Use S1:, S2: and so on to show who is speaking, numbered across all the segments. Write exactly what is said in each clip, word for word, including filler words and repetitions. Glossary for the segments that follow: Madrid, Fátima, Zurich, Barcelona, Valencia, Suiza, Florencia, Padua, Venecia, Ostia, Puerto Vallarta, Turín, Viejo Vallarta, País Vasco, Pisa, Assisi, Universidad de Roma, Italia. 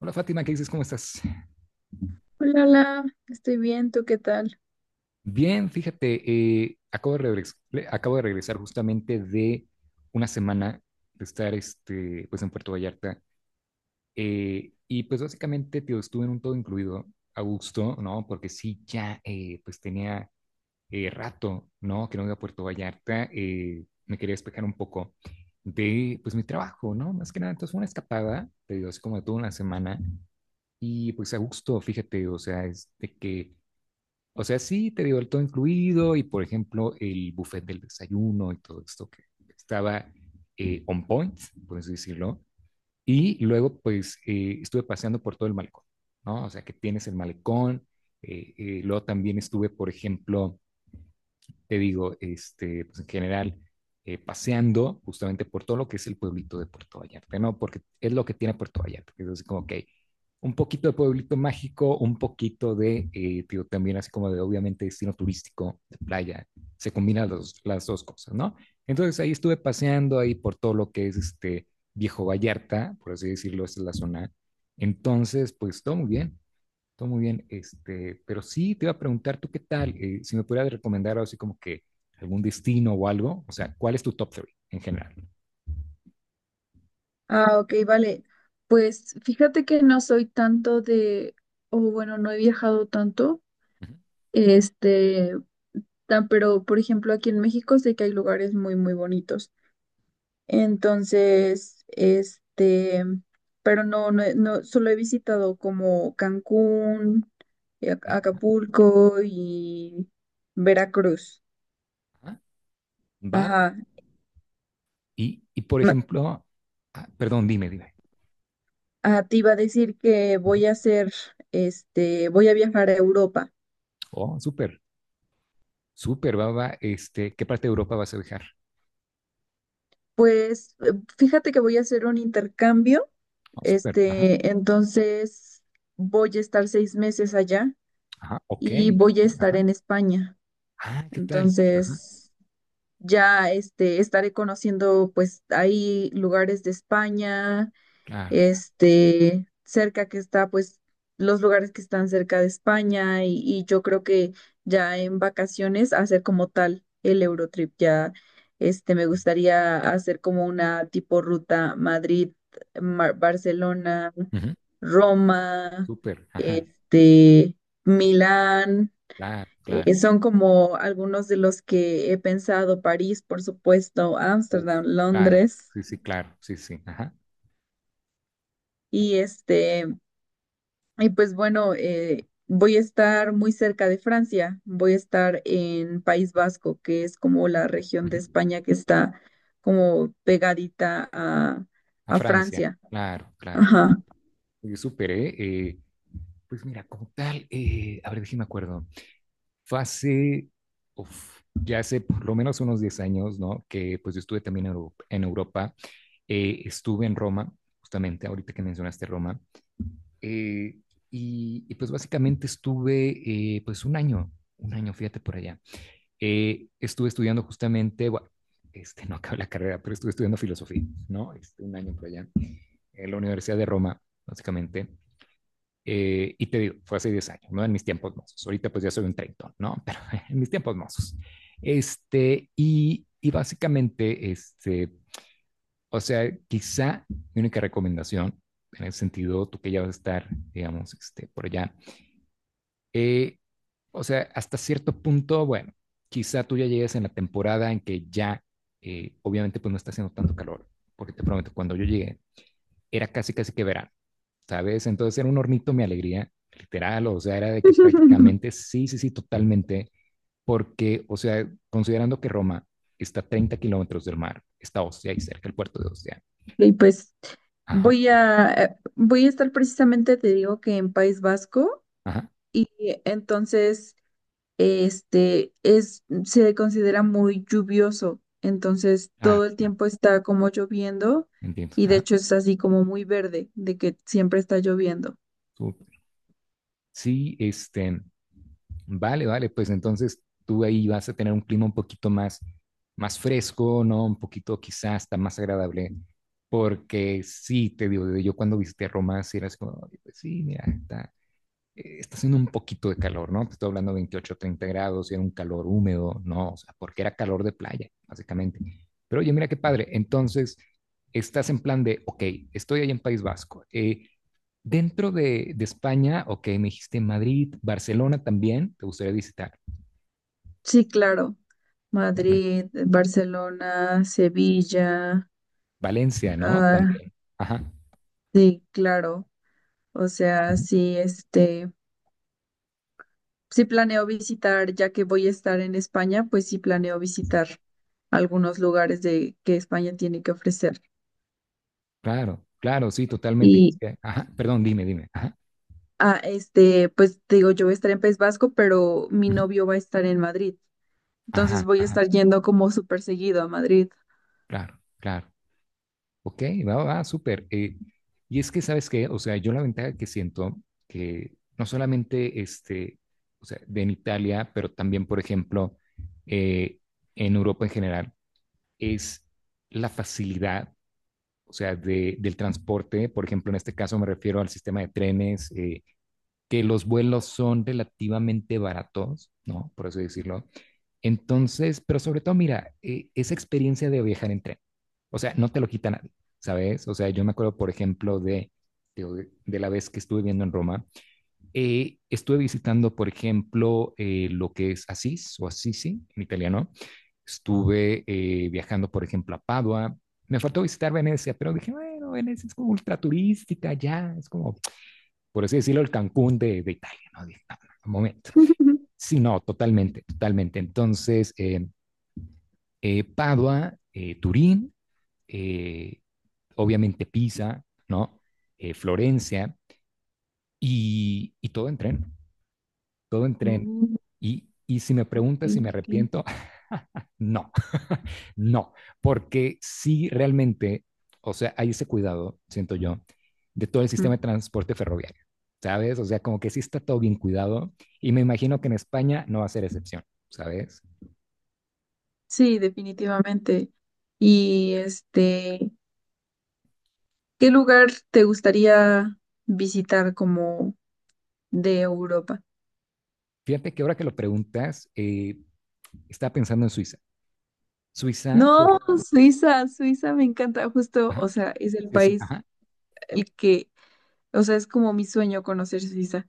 S1: Hola Fátima, ¿qué dices? ¿Cómo estás?
S2: Hola, la, estoy bien, ¿tú qué tal?
S1: Bien, fíjate, eh, acabo de regres- le- acabo de regresar justamente de una semana de estar este, pues, en Puerto Vallarta, eh, y pues básicamente tío, estuve en un todo incluido a gusto, ¿no? Porque sí, ya eh, pues tenía eh, rato, ¿no? Que no iba a Puerto Vallarta, eh, me quería despejar un poco de pues mi trabajo, ¿no? Más que nada, entonces fue una escapada, te digo, así como de toda una semana, y pues a gusto, fíjate, o sea, es de que o sea, sí, te digo, el todo incluido y, por ejemplo, el buffet del desayuno y todo esto que estaba, eh, on point, por así decirlo. Y luego, pues, eh, estuve paseando por todo el malecón, ¿no? O sea, que tienes el malecón. Eh, eh, luego también estuve, por ejemplo, te digo, este, pues en general, eh, paseando justamente por todo lo que es el pueblito de Puerto Vallarta, ¿no? Porque es lo que tiene Puerto Vallarta, que es así como, ok, un poquito de pueblito mágico, un poquito de, eh, digo, también así como de obviamente destino turístico, de playa, se combinan los, las dos cosas, ¿no? Entonces ahí estuve paseando ahí por todo lo que es este Viejo Vallarta, por así decirlo, esta es la zona. Entonces, pues todo muy bien, todo muy bien, este, pero sí te iba a preguntar tú qué tal. Eh, si me pudieras recomendar algo así como que algún destino o algo, o sea, ¿cuál es tu top three en general?
S2: Ah, ok, vale. Pues fíjate que no soy tanto de, o bueno, no he viajado tanto,
S1: Ujú.
S2: este, tan, pero por ejemplo aquí en México sé que hay lugares muy, muy bonitos. Entonces, este, pero no, no, he- no, solo he visitado como Cancún, eh, Ac-
S1: Eh,
S2: Acapulco y Veracruz.
S1: ajá, va,
S2: Ajá.
S1: y, y por ejemplo, ah, perdón, dime, dime.
S2: Ah, te iba a decir que
S1: Ujú.
S2: voy a hacer, este, voy a viajar a Europa.
S1: Oh, súper, súper, va, va, este, ¿qué parte de Europa vas a viajar?
S2: Pues eh, fíjate que voy a hacer un intercambio,
S1: Oh, súper, ajá,
S2: este, entonces voy a estar seis meses allá
S1: ajá, ok,
S2: y voy a estar
S1: ajá,
S2: en España.
S1: ah, ¿qué tal? Ajá,
S2: Entonces ya, este, estaré conociendo pues ahí lugares de España,
S1: claro.
S2: este, cerca que está, pues, los lugares que están cerca de España y, y yo creo que ya en vacaciones hacer como tal el Eurotrip, ya, este, me gustaría hacer como una tipo ruta Madrid, Mar- Barcelona,
S1: Ujú.
S2: Roma,
S1: Súper, ajá,
S2: este, Milán.
S1: claro, claro,
S2: Eh, son como algunos de los que he pensado, París, por supuesto,
S1: uf,
S2: Ámsterdam,
S1: claro,
S2: Londres,
S1: sí, sí, claro, sí, sí, ajá.
S2: y este, Y pues bueno, eh, voy a estar muy cerca de Francia, voy a estar en País Vasco, que es como la región de
S1: Ujú.
S2: España que está como pegadita a,
S1: A
S2: a
S1: Francia,
S2: Francia.
S1: claro, claro.
S2: Ajá.
S1: Yo superé, eh, pues mira, como tal, eh, a ver, déjame acuerdo. Fue hace, uf, ya hace por lo menos unos diez años, ¿no? Que pues yo estuve también en Europa, en Europa. Eh, estuve en Roma, justamente ahorita que mencionaste Roma. Eh, y, y, pues básicamente estuve, eh, pues un año, un año, fíjate por allá. Eh, estuve estudiando justamente, bueno, este, no acabé la carrera, pero estuve estudiando filosofía, ¿no? Este, un año por allá, en la Universidad de Roma, básicamente. Eh, y te digo, fue hace diez años, ¿no? En mis tiempos mozos. Ahorita pues ya soy un treintón, ¿no? Pero en mis tiempos mozos. Este, y, y básicamente, este, o sea, quizá mi única recomendación, en el sentido, tú que ya vas a estar, digamos, este, por allá, eh, o sea, hasta cierto punto, bueno, quizá tú ya llegues en la temporada en que ya, eh, obviamente, pues no está haciendo tanto calor, porque te prometo, cuando yo llegué, era casi, casi que verano, ¿sabes? Entonces era un hornito mi alegría, literal, o sea, era de que prácticamente, sí, sí, sí, totalmente, porque, o sea, considerando que Roma está a treinta kilómetros del mar, está Ostia y cerca el puerto de Ostia.
S2: Y pues
S1: Ajá,
S2: voy a, eh, voy a estar precisamente, te digo que en País Vasco,
S1: ajá,
S2: eh, entonces... este es, se considera muy lluvioso, entonces todo
S1: claro,
S2: el
S1: claro,
S2: tiempo está como lloviendo
S1: entiendo,
S2: y de
S1: ajá,
S2: hecho es así como muy verde, de que siempre está lloviendo.
S1: súper. Sí, este, vale, vale, pues entonces tú ahí vas a tener un clima un poquito más, más fresco, ¿no? Un poquito quizás hasta más agradable, porque sí, te digo, yo cuando visité Roma, sí era así como: "Oye, pues sí, mira, está, eh, está haciendo un poquito de calor, ¿no? Te estoy hablando de veintiocho, treinta grados, y era un calor húmedo, ¿no? O sea, porque era calor de playa, básicamente. Pero oye, mira qué padre, entonces estás en plan de, ok, estoy ahí en País Vasco, eh, dentro de, de, España, ok, me dijiste Madrid, Barcelona también, te gustaría visitar.
S2: Sí, claro,
S1: También.
S2: Madrid, Barcelona, Sevilla,
S1: Valencia, ¿no?
S2: ah,
S1: También. Ajá.
S2: sí, claro, o sea,
S1: Ujú.
S2: sí, este... Si planeo visitar, ya que voy a estar en España, pues sí planeo visitar algunos lugares de que España tiene que ofrecer.
S1: Claro, claro, sí, totalmente. Es
S2: Y
S1: que- Ajá, perdón, dime, dime. Ajá.
S2: ah, este, pues te digo, yo voy a estar en País Vasco, pero mi
S1: Ujú.
S2: novio va a estar en Madrid. Entonces
S1: Ajá,
S2: voy a
S1: ajá,
S2: estar yendo como súper seguido a Madrid.
S1: claro, claro. Ok, va, va, súper. Eh, y es que, ¿sabes qué? O sea, yo la ventaja que siento, que no solamente este, o sea, de en Italia, pero también, por ejemplo, eh, en Europa en general, es la facilidad, o sea, de, del transporte. Por ejemplo, en este caso me refiero al sistema de trenes, eh, que los vuelos son relativamente baratos, ¿no? Por eso decirlo. Entonces, pero sobre todo, mira, eh, esa experiencia de viajar en tren, o sea, no te lo quita nadie, ¿sabes? O sea, yo me acuerdo, por ejemplo, de, de, de la vez que estuve viendo en Roma, eh, estuve visitando, por ejemplo, eh, lo que es Asís o Assisi en italiano. Estuve, eh, viajando, por ejemplo, a Padua. Me faltó visitar Venecia, pero dije, bueno, Venecia es como ultra turística, ya, es como, por así decirlo, el Cancún de, de Italia, ¿no? Dije, no, no, un momento. Sí, no, totalmente, totalmente. Entonces, eh, eh, Padua, eh, Turín, eh, obviamente Pisa, ¿no? Eh, Florencia, y, y todo en tren. Todo en tren.
S2: Mm,
S1: Y, y si me preguntas si
S2: ok,
S1: me
S2: ok.
S1: arrepiento, no, no, porque sí realmente, o sea, hay ese cuidado, siento yo, de todo el sistema
S2: Mm,
S1: de transporte ferroviario, ¿sabes? O sea, como que sí está todo bien cuidado y me imagino que en España no va a ser excepción, ¿sabes?
S2: sí, definitivamente. Y este, ¿qué lugar te gustaría visitar como de Europa?
S1: Fíjate que ahora que lo preguntas, eh, estaba pensando en Suiza. Suiza, por...
S2: No, Suiza, Suiza me encanta, justo, o
S1: Ajá,
S2: sea, es el
S1: sí, sí,
S2: país
S1: ajá.
S2: el que, o sea, es como mi sueño conocer Suiza.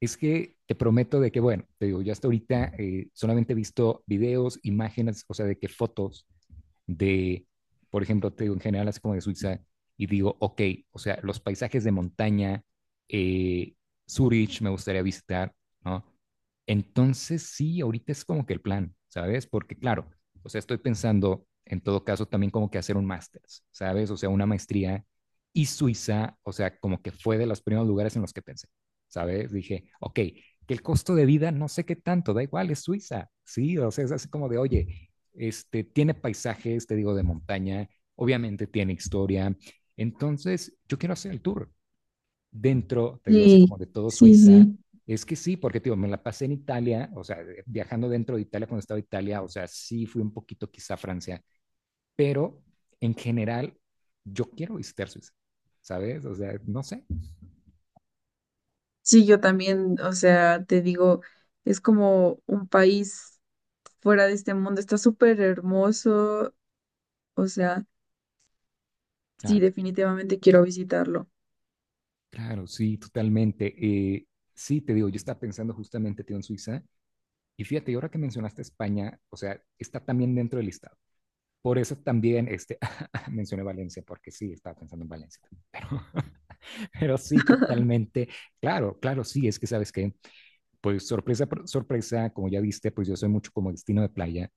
S1: Es que te prometo de que, bueno, te digo, yo hasta ahorita, eh, solamente he visto videos, imágenes, o sea, de que fotos de, por ejemplo, te digo en general así como de Suiza, y digo, ok, o sea, los paisajes de montaña, eh, Zurich me gustaría visitar, ¿no? Entonces sí, ahorita es como que el plan, ¿sabes? Porque claro, o sea, estoy pensando en todo caso también como que hacer un máster, ¿sabes? O sea, una maestría y Suiza, o sea, como que fue de los primeros lugares en los que pensé, ¿sabes? Dije, ok, que el costo de vida no sé qué tanto, da igual, es Suiza, sí, o sea, es así como de, oye, este, tiene paisajes, te digo, de montaña, obviamente tiene historia. Entonces, yo quiero hacer el tour dentro, te digo, así
S2: Sí,
S1: como de todo
S2: sí,
S1: Suiza.
S2: sí.
S1: Es que sí, porque, te digo, me la pasé en Italia, o sea, eh, viajando dentro de Italia cuando estaba en Italia, o sea, sí fui un poquito quizá a Francia, pero en general, yo quiero visitar Suiza, ¿sabes? O sea, no sé.
S2: Sí, yo también, o sea, te digo, es como un país fuera de este mundo, está súper hermoso, o sea,
S1: Ah,
S2: sí, definitivamente quiero visitarlo,
S1: claro, sí, totalmente. Eh, sí, te digo, yo estaba pensando justamente, tío, en Suiza, y fíjate, y ahora que mencionaste España, o sea, está también dentro del listado. Por eso también este, mencioné Valencia, porque sí, estaba pensando en Valencia. Pero, pero sí, totalmente. Claro, claro, sí, es que sabes que, pues sorpresa, sorpresa, como ya viste, pues yo soy mucho como destino de playa,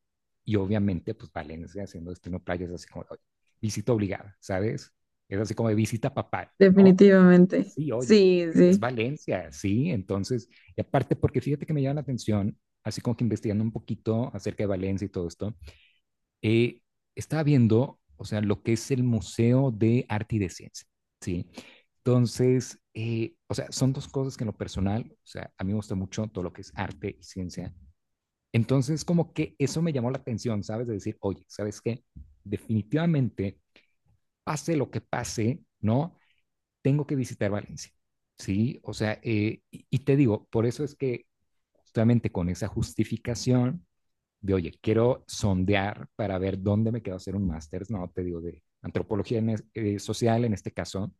S1: y obviamente, pues Valencia siendo destino de playa es así como: oye, visita obligada, ¿sabes? Es así como de visita papal, ¿no?
S2: definitivamente.
S1: Sí, oye,
S2: Sí,
S1: es
S2: sí.
S1: Valencia, sí. Entonces, y aparte, porque fíjate que me llama la atención, así como que investigando un poquito acerca de Valencia y todo esto, eh, estaba viendo, o sea, lo que es el Museo de Arte y de Ciencia, ¿sí? Entonces, eh, o sea, son dos cosas que en lo personal, o sea, a mí me gusta mucho todo lo que es arte y ciencia. Entonces, como que eso me llamó la atención, ¿sabes? De decir, oye, ¿sabes qué? Definitivamente, pase lo que pase, ¿no? Tengo que visitar Valencia, ¿sí? O sea, eh, y, y te digo, por eso es que justamente con esa justificación, de, oye, quiero sondear para ver dónde me quedo hacer un máster, no, te digo, de antropología en es, eh, social en este caso,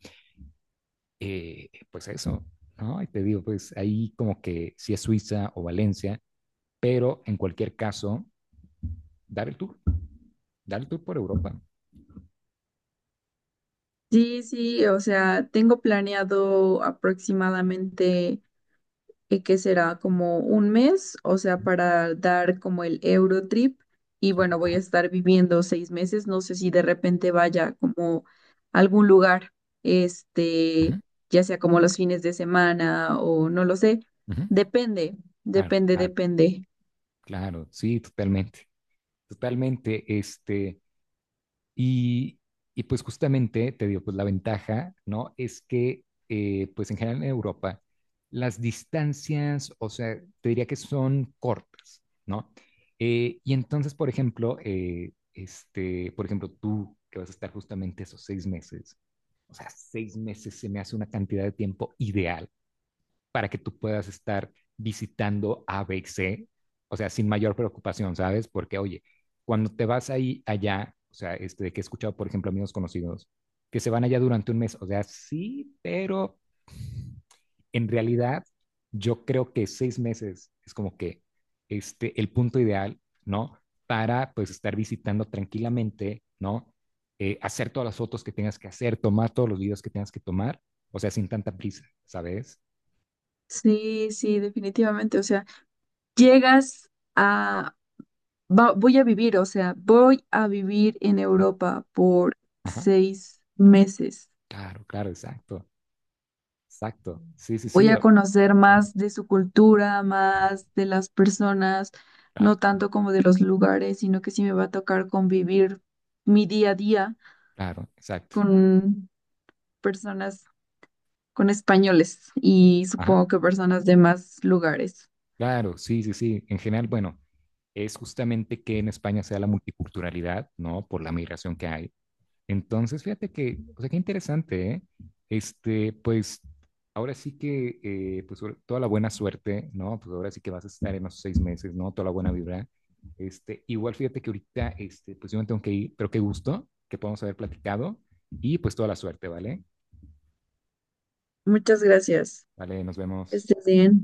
S1: eh, pues eso, ¿no? Y te digo, pues ahí como que si es Suiza o Valencia, pero en cualquier caso, dar el tour, dar el tour por Europa.
S2: Sí, sí, o sea, tengo planeado aproximadamente eh, que será como un mes, o sea, para dar como el Eurotrip y bueno, voy a
S1: Ajá,
S2: estar viviendo seis meses, no sé si de repente vaya como a algún lugar, este,
S1: ajá,
S2: ya sea como los fines de semana o no lo sé,
S1: ajá.
S2: depende,
S1: Claro,
S2: depende,
S1: claro,
S2: depende.
S1: claro, sí, totalmente, totalmente, este, Y, y pues justamente, te digo, pues la ventaja, ¿no? Es que, eh, pues en general en Europa, las distancias, o sea, te diría que son cortas, ¿no? Eh, y entonces, por ejemplo, eh, este, por ejemplo, tú que vas a estar justamente esos seis meses, o sea, seis meses se me hace una cantidad de tiempo ideal para que tú puedas estar visitando a ABC, o sea, sin mayor preocupación, ¿sabes? Porque, oye, cuando te vas ahí allá, o sea, este, que he escuchado, por ejemplo, amigos conocidos, que se van allá durante un mes, o sea, sí, pero en realidad yo creo que seis meses es como que este, el punto ideal, ¿no? Para pues estar visitando tranquilamente, ¿no? Eh, hacer todas las fotos que tengas que hacer, tomar todos los videos que tengas que tomar, o sea, sin tanta prisa, ¿sabes?
S2: Sí, sí, definitivamente, o sea, llegas a va- voy a vivir, o sea, voy a vivir en Europa por
S1: Ajá.
S2: seis meses.
S1: Claro, claro, exacto, exacto. Sí, sí,
S2: Voy
S1: sí,
S2: a
S1: o-
S2: conocer más de su cultura, más de las personas,
S1: ah,
S2: no tanto como de los lugares, sino que sí me va a tocar convivir mi día a día
S1: claro, exacto.
S2: con personas, con españoles y
S1: Ajá,
S2: supongo que personas de más lugares.
S1: claro, sí, sí, sí. En general, bueno, es justamente que en España sea la multiculturalidad, ¿no? Por la migración que hay. Entonces, fíjate que, o sea, qué interesante, ¿eh? Este, pues, ahora sí que, eh, pues, sobre- toda la buena suerte, ¿no? Pues ahora sí que vas a estar en los seis meses, ¿no? Toda la buena vibra. Este, igual fíjate que ahorita, este, pues yo me tengo que ir, pero qué gusto que podamos haber platicado, y pues toda la suerte, ¿vale?
S2: Muchas gracias.
S1: Vale, nos
S2: Que
S1: vemos.
S2: estés bien.